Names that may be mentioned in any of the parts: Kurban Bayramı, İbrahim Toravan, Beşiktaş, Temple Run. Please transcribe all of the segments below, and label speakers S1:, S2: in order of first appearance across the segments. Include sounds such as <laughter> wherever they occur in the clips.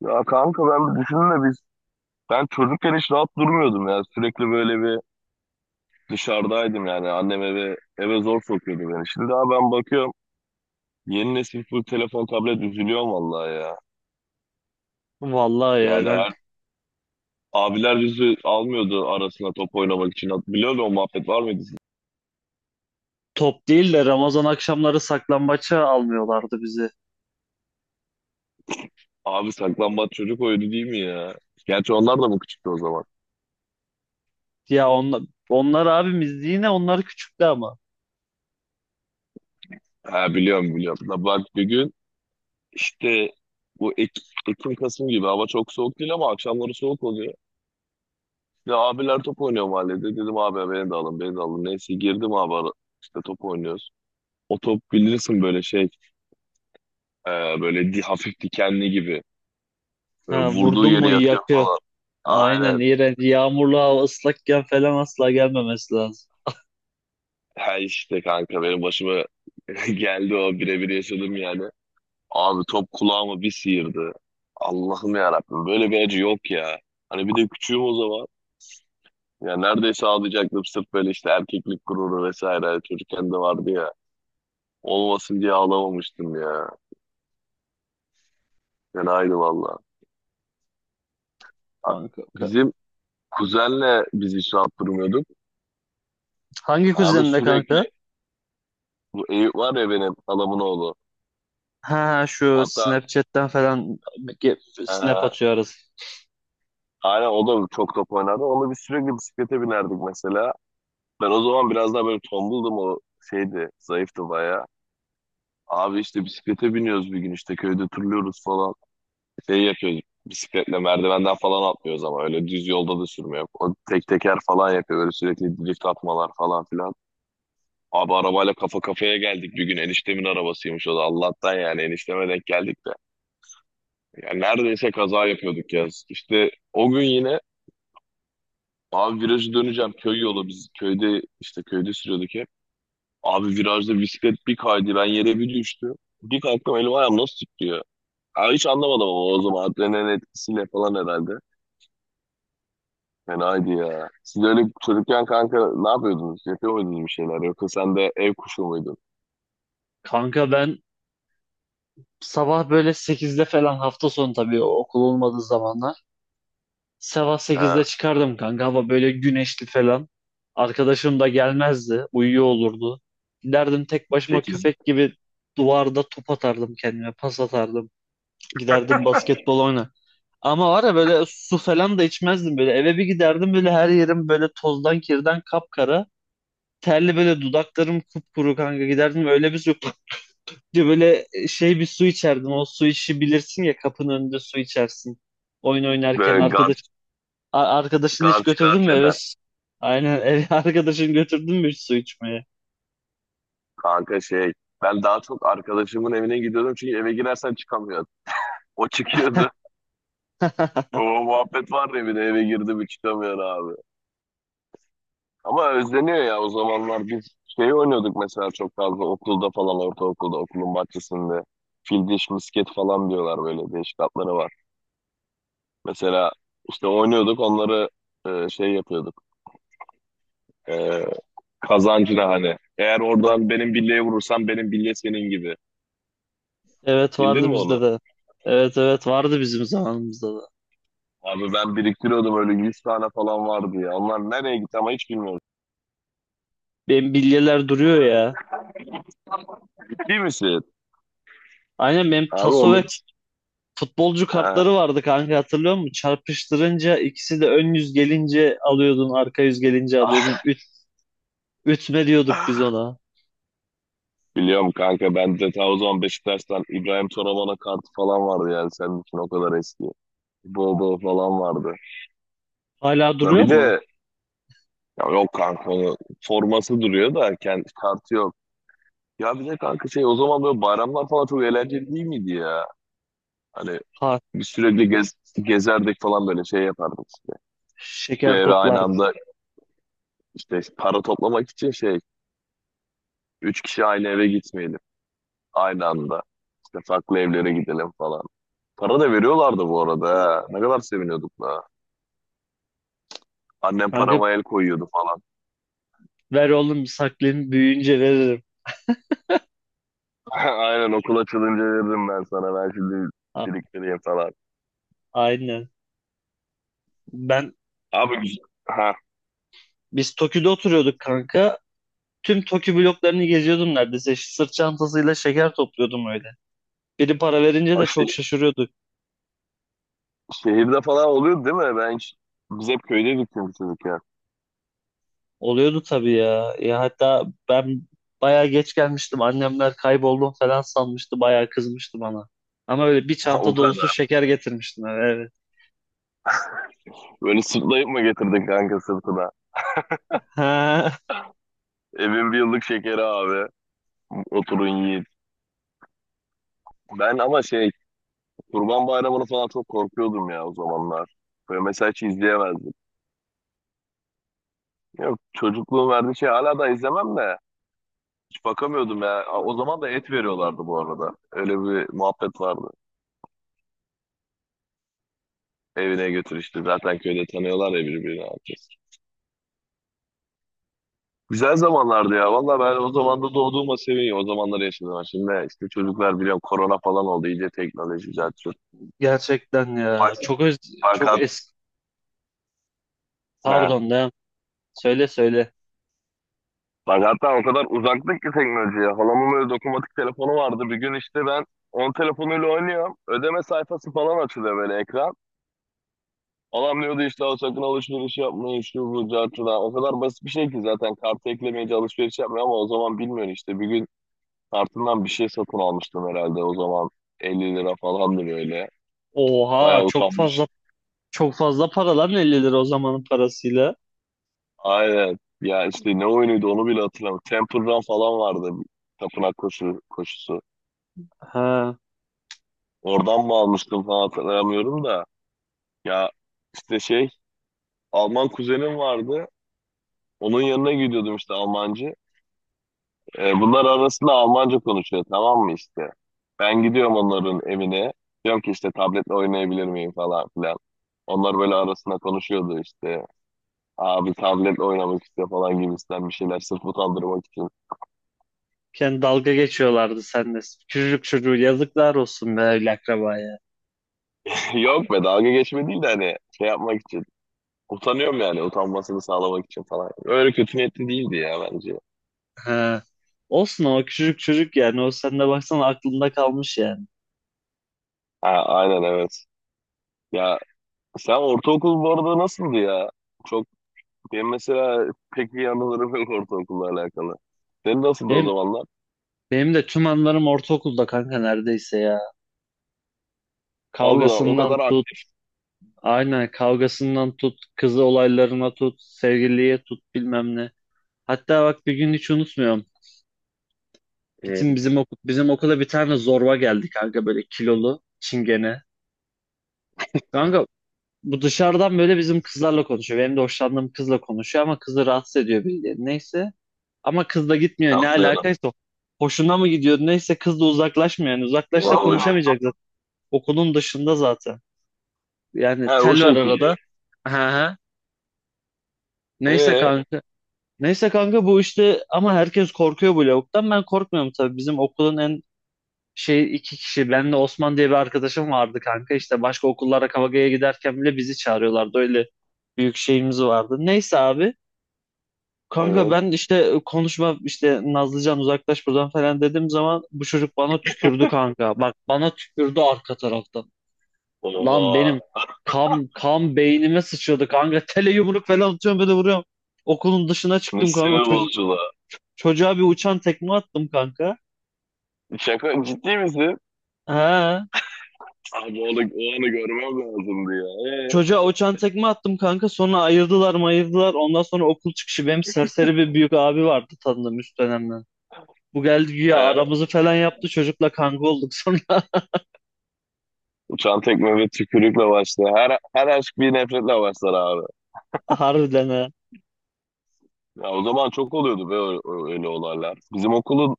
S1: Ya kanka ben bir düşünün de ben çocukken hiç rahat durmuyordum ya. Sürekli böyle bir dışarıdaydım yani. Annem eve zor sokuyordu beni. Şimdi daha ben bakıyorum, yeni nesil full telefon tablet, üzülüyorum vallahi ya.
S2: Vallahi ya
S1: Yani
S2: ben
S1: her, abiler bizi almıyordu arasına top oynamak için. Biliyor musun, o muhabbet var mıydı sizin?
S2: top değil de Ramazan akşamları saklambaça almıyorlardı bizi.
S1: Abi saklambaç çocuk oyunu değil mi ya? Gerçi onlar da mı küçüktü o zaman?
S2: Ya onlar, onlar abimiz yine onlar küçüktü ama.
S1: Ha, biliyorum biliyorum. Da bak bir gün işte bu Ek- Ekim Kasım gibi, hava çok soğuk değil ama akşamları soğuk oluyor. Ya abiler top oynuyor mahallede. Dedim abi ya, beni de alın beni de alın. Neyse girdim abi ara, işte top oynuyoruz. O top bilirsin böyle e, hafif dikenli gibi. Böyle
S2: Ha,
S1: vurduğu
S2: vurdun
S1: yeri
S2: mu
S1: yakıyor
S2: yakıyor.
S1: falan.
S2: Aynen
S1: Aynen.
S2: iğrenç. Yağmurlu hava ıslakken falan asla gelmemesi lazım.
S1: Her işte kanka benim başıma <laughs> geldi, o birebir yaşadım yani. Abi top kulağıma bir sıyırdı. Allah'ım ya Rabbim, böyle bir acı yok ya. Hani bir de küçüğüm o zaman. Ya neredeyse ağlayacaktım, sırf böyle işte erkeklik gururu vesaire çocukken de vardı ya. Olmasın diye ağlamamıştım ya. Ben aynı valla. A-
S2: Kanka,
S1: Bizim kuzenle biz hiç rahat durmuyorduk.
S2: hangi
S1: Abi
S2: kuzeninde kanka?
S1: sürekli, bu Eyüp var ya, benim halamın oğlu.
S2: Ha şu
S1: Hatta
S2: Snapchat'ten falan snap
S1: e,
S2: atıyoruz.
S1: aynen o da çok top oynardı. Onunla biz sürekli bisiklete binerdik mesela. Ben o zaman biraz daha böyle tombuldum, o şeydi. Zayıftı bayağı. Abi işte bisiklete biniyoruz bir gün, işte köyde turluyoruz falan. Şey yapıyoruz, bisikletle merdivenden falan atlıyoruz ama öyle düz yolda da sürmüyor. O tek teker falan yapıyor böyle, sürekli drift atmalar falan filan. Abi arabayla kafa kafaya geldik bir gün. Eniştemin arabasıymış o da. Allah'tan yani enişteme denk geldik de. Yani neredeyse kaza yapıyorduk ya. İşte o gün yine abi virajı döneceğim. Köy yolu, biz köyde işte köyde sürüyorduk hep. Abi virajda bisiklet bir kaydı. Ben yere bir düştüm. Bir kalktım, elim ayağım nasıl titriyor. Abi hiç anlamadım ama o zaman adrenalin etkisiyle falan herhalde. Yani haydi ya. Siz öyle çocukken kanka ne yapıyordunuz? Yapıyor muydunuz bir şeyler? Yoksa sen de ev kuşu muydun?
S2: Kanka ben sabah böyle sekizde falan hafta sonu tabii okul olmadığı zamanlar. Sabah
S1: Ha.
S2: sekizde çıkardım kanka. Hava böyle güneşli falan. Arkadaşım da gelmezdi. Uyuyor olurdu. Giderdim tek başıma
S1: 8.
S2: köpek gibi duvarda top atardım kendime. Pas atardım. Giderdim basketbol oyna. Ama var ya böyle su falan da içmezdim böyle. Eve bir giderdim böyle her yerim böyle tozdan kirden kapkara. Terli böyle dudaklarım kupkuru kanka giderdim öyle bir su <laughs> diye böyle şey bir su içerdim. O su işi bilirsin ya kapının önünde su içersin. Oyun oynarken
S1: Böyle
S2: arkadaş Arkadaşını hiç
S1: garç
S2: götürdün
S1: garç
S2: mü eve?
S1: eder.
S2: Aynen eve <laughs> arkadaşını götürdün mü hiç su içmeye?
S1: Kanka şey, ben daha çok arkadaşımın evine gidiyordum çünkü eve girersen çıkamıyordun. O çıkıyordu. O
S2: <laughs>
S1: muhabbet var ya, bir de eve girdi mi çıkamıyor abi. Ama özleniyor ya, o zamanlar biz şey oynuyorduk mesela çok fazla okulda falan, ortaokulda okulun bahçesinde. Fil diş misket falan diyorlar, böyle değişik adları var. Mesela işte oynuyorduk onları, şey yapıyorduk. E, kazancına hani. Eğer oradan benim bilyeye vurursan, benim bilye senin gibi.
S2: Evet
S1: Bildin
S2: vardı
S1: mi
S2: bizde
S1: onu?
S2: de. Evet, evet, vardı bizim zamanımızda da.
S1: Abi ben biriktiriyordum, öyle 100 tane falan vardı ya. Onlar nereye gitti ama hiç bilmiyorum.
S2: Benim bilyeler duruyor ya.
S1: Ciddi misin?
S2: Aynen benim
S1: Abi
S2: taso ve
S1: onları...
S2: futbolcu
S1: Ha.
S2: kartları vardı kanka hatırlıyor musun? Çarpıştırınca ikisi de ön yüz gelince alıyordun, arka yüz gelince alıyordun.
S1: <laughs>
S2: Ütme diyorduk biz ona.
S1: Biliyorum kanka, bende ta o zaman Beşiktaş'tan İbrahim Toravan'a kartı falan vardı, yani senin için o kadar eski. Bol bol falan vardı.
S2: Hala
S1: Da
S2: duruyor
S1: bir
S2: mu?
S1: de ya yok kanka, onu forması duruyor da kendi kartı yok. Ya bir de kanka şey, o zaman böyle bayramlar falan çok eğlenceli değil miydi ya? Hani
S2: Ha,
S1: biz sürekli gezerdik falan, böyle şey yapardık işte. Şu
S2: şeker
S1: eve aynı
S2: toplar.
S1: anda, İşte para toplamak için şey, üç kişi aynı eve gitmeyelim. Aynı anda. İşte farklı evlere gidelim falan. Para da veriyorlardı bu arada. Ha. Ne kadar seviniyorduk da. Annem
S2: Kanka
S1: parama el koyuyordu falan.
S2: ver oğlum saklayayım büyüyünce veririm.
S1: <laughs> Aynen, okul açılınca veririm ben sana. Ben şimdi
S2: A-
S1: biriktireyim falan.
S2: aynen. Ben
S1: Abi güzel. Ha.
S2: Biz Tokyo'da oturuyorduk kanka. Tüm Tokyo bloklarını geziyordum neredeyse. Sırt çantasıyla şeker topluyordum öyle. Biri para verince
S1: O
S2: de çok
S1: şey,
S2: şaşırıyorduk.
S1: şehirde falan oluyordu değil mi? Ben hiç, biz hep köydeydik çünkü çocukken.
S2: Oluyordu tabii ya. Ya hatta ben bayağı geç gelmiştim. Annemler kayboldum falan sanmıştı. Bayağı kızmıştı bana. Ama öyle bir
S1: <laughs> O
S2: çanta dolusu
S1: kadar.
S2: şeker getirmiştim eve, evet.
S1: Böyle sırtlayıp mı getirdin kanka sırtına?
S2: Ha,
S1: Evin bir yıllık şekeri abi. Oturun yiyin. Ben ama şey, Kurban Bayramı'nı falan çok korkuyordum ya o zamanlar. Böyle mesela hiç izleyemezdim. Yok, çocukluğun verdiği şey, hala da izlemem de. Hiç bakamıyordum ya. A- O zaman da et veriyorlardı bu arada. Öyle bir muhabbet vardı. Evine götür işte. Zaten köyde tanıyorlar ya birbirini herkes. Güzel zamanlardı ya. Valla ben o zaman da doğduğuma seviniyorum. O zamanları yaşadım ben. Şimdi işte çocuklar, biliyorum korona falan oldu. İyice teknoloji cart curt.
S2: gerçekten ya.
S1: Bak,
S2: Çok
S1: fakat
S2: eski.
S1: he.
S2: Pardon da. Söyle söyle.
S1: Ben hatta o kadar uzaktık ki teknolojiye. Halamın öyle dokunmatik telefonu vardı. Bir gün işte ben onun telefonuyla oynuyorum. Ödeme sayfası falan açılıyor, böyle ekran. Adam diyordu işte, "Al sakın alışveriş yapmayın şu bu cartıdan." O kadar basit bir şey ki, zaten kartı eklemeyince alışveriş yapmıyor ama o zaman bilmiyorum işte. Bir gün kartından bir şey satın almıştım herhalde o zaman. 50 lira falandı böyle.
S2: Oha
S1: Bayağı utanmış.
S2: çok fazla para lan 50 lira o zamanın parasıyla.
S1: Aynen. Ya işte ne oyunuydu onu bile hatırlamıyorum. Temple Run falan vardı. Tapınak koşusu.
S2: Ha.
S1: Oradan mı almıştım falan hatırlamıyorum da. Ya işte şey, Alman kuzenim vardı. Onun yanına gidiyordum işte, Almancı. Bunlar arasında Almanca konuşuyor, tamam mı işte. Ben gidiyorum onların evine. Diyorum ki işte, tabletle oynayabilir miyim falan filan. Onlar böyle arasında konuşuyordu işte. Abi tabletle oynamak istiyor falan gibisinden, bir şeyler sırf utandırmak için.
S2: Kendi dalga geçiyorlardı seninle. Küçücük çocuğu yazıklar olsun be öyle akrabaya.
S1: <laughs> Yok be, dalga geçme değil de hani şey yapmak için. Utanıyorum yani, utanmasını sağlamak için falan. Öyle kötü niyetli değildi ya bence.
S2: Ha. Olsun ama küçücük çocuk yani. O sen de baksana aklında kalmış yani.
S1: Ha, aynen evet. Ya sen ortaokul bu arada nasıldı ya? Çok, benim mesela pek iyi anılarım <laughs> yok ortaokulla alakalı. Senin nasıldı o
S2: Benim,
S1: zamanlar?
S2: benim de tüm anılarım ortaokulda kanka neredeyse ya.
S1: Allah o
S2: Kavgasından
S1: kadar
S2: tut.
S1: aktif.
S2: Aynen kavgasından tut. Kızı olaylarına tut. Sevgiliye tut bilmem ne. Hatta bak bir gün hiç unutmuyorum.
S1: Hı.
S2: Bizim okula bir tane zorba geldi kanka böyle kilolu. Çingene. Kanka bu dışarıdan böyle bizim kızlarla konuşuyor. Benim de hoşlandığım kızla konuşuyor ama kızı rahatsız ediyor bildiğin. Neyse. Ama kız da gitmiyor. Ne
S1: Aslında.
S2: alakaysa hoşuna mı gidiyor? Neyse kız da uzaklaşmıyor. Yani
S1: Ya,
S2: uzaklaşsa
S1: öyle.
S2: konuşamayacak zaten. Okulun dışında zaten. Yani
S1: Ha, o
S2: tel var
S1: şekilde.
S2: arada. Aha. Neyse
S1: Ee,
S2: kanka. Neyse kanka bu işte ama herkes korkuyor bu lavuktan. Ben korkmuyorum tabii. Bizim okulun en şey iki kişi. Ben de Osman diye bir arkadaşım vardı kanka. İşte başka okullara kavgaya giderken bile bizi çağırıyorlardı. Öyle büyük şeyimiz vardı. Neyse abi. Kanka
S1: evet.
S2: ben işte konuşma işte Nazlıcan uzaklaş buradan falan dediğim zaman bu çocuk bana tükürdü kanka. Bak bana tükürdü arka taraftan. Lan benim
S1: Oha.
S2: kan beynime sıçradı kanka. <laughs> Tele yumruk falan atıyorum böyle vuruyorum. Okulun dışına
S1: Ne
S2: çıktım kanka.
S1: sinir bozuculuğa.
S2: Çocuğa bir uçan tekme attım kanka.
S1: Şaka, ciddi misin?
S2: Ha.
S1: Abi onu, o anı görmem lazımdı ya.
S2: Çocuğa uçan tekme attım kanka. Sonra ayırdılar mayırdılar. Ondan sonra okul çıkışı benim serseri bir büyük abi vardı tanıdığım üst dönemden. Bu geldi güya
S1: He.
S2: aramızı falan yaptı. Çocukla kanka olduk sonra.
S1: Uçan tekme ve tükürükle başlar. Her aşk bir nefretle başlar.
S2: <laughs> Harbiden ha.
S1: Ya o zaman çok oluyordu be, öyle olaylar. Bizim okulun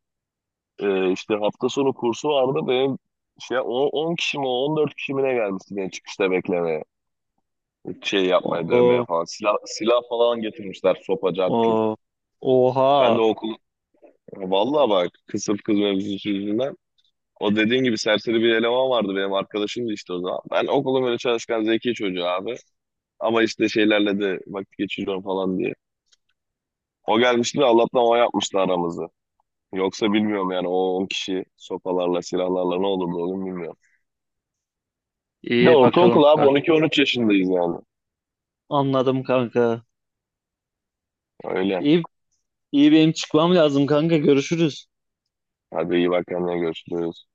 S1: işte hafta sonu kursu vardı. Benim şey, 10 kişi mi 14 kişi mi ne gelmişti beni çıkışta beklemeye. Şey yapmaya, dövmeye
S2: Oo,
S1: falan. Silah falan getirmişler, sopacak cart.
S2: oo.
S1: Ben de
S2: Oha.
S1: okul vallahi bak, kısır kız mevzusu yüzünden. O dediğin gibi serseri bir eleman vardı, benim arkadaşımdı işte o zaman. Ben okulun böyle çalışkan zeki çocuğu abi. Ama işte şeylerle de vakit geçiriyorum falan diye. O gelmişti de Allah'tan, o yapmıştı aramızı. Yoksa bilmiyorum yani, o 10 kişi sopalarla, silahlarla ne olurdu oğlum, bilmiyorum. Bir de
S2: İyi bakalım
S1: ortaokul abi,
S2: kanka.
S1: 12-13 yaşındayız yani.
S2: Anladım kanka.
S1: Öyle.
S2: İyi, iyi benim çıkmam lazım kanka. Görüşürüz.
S1: Hadi iyi bak kendine, görüşürüz.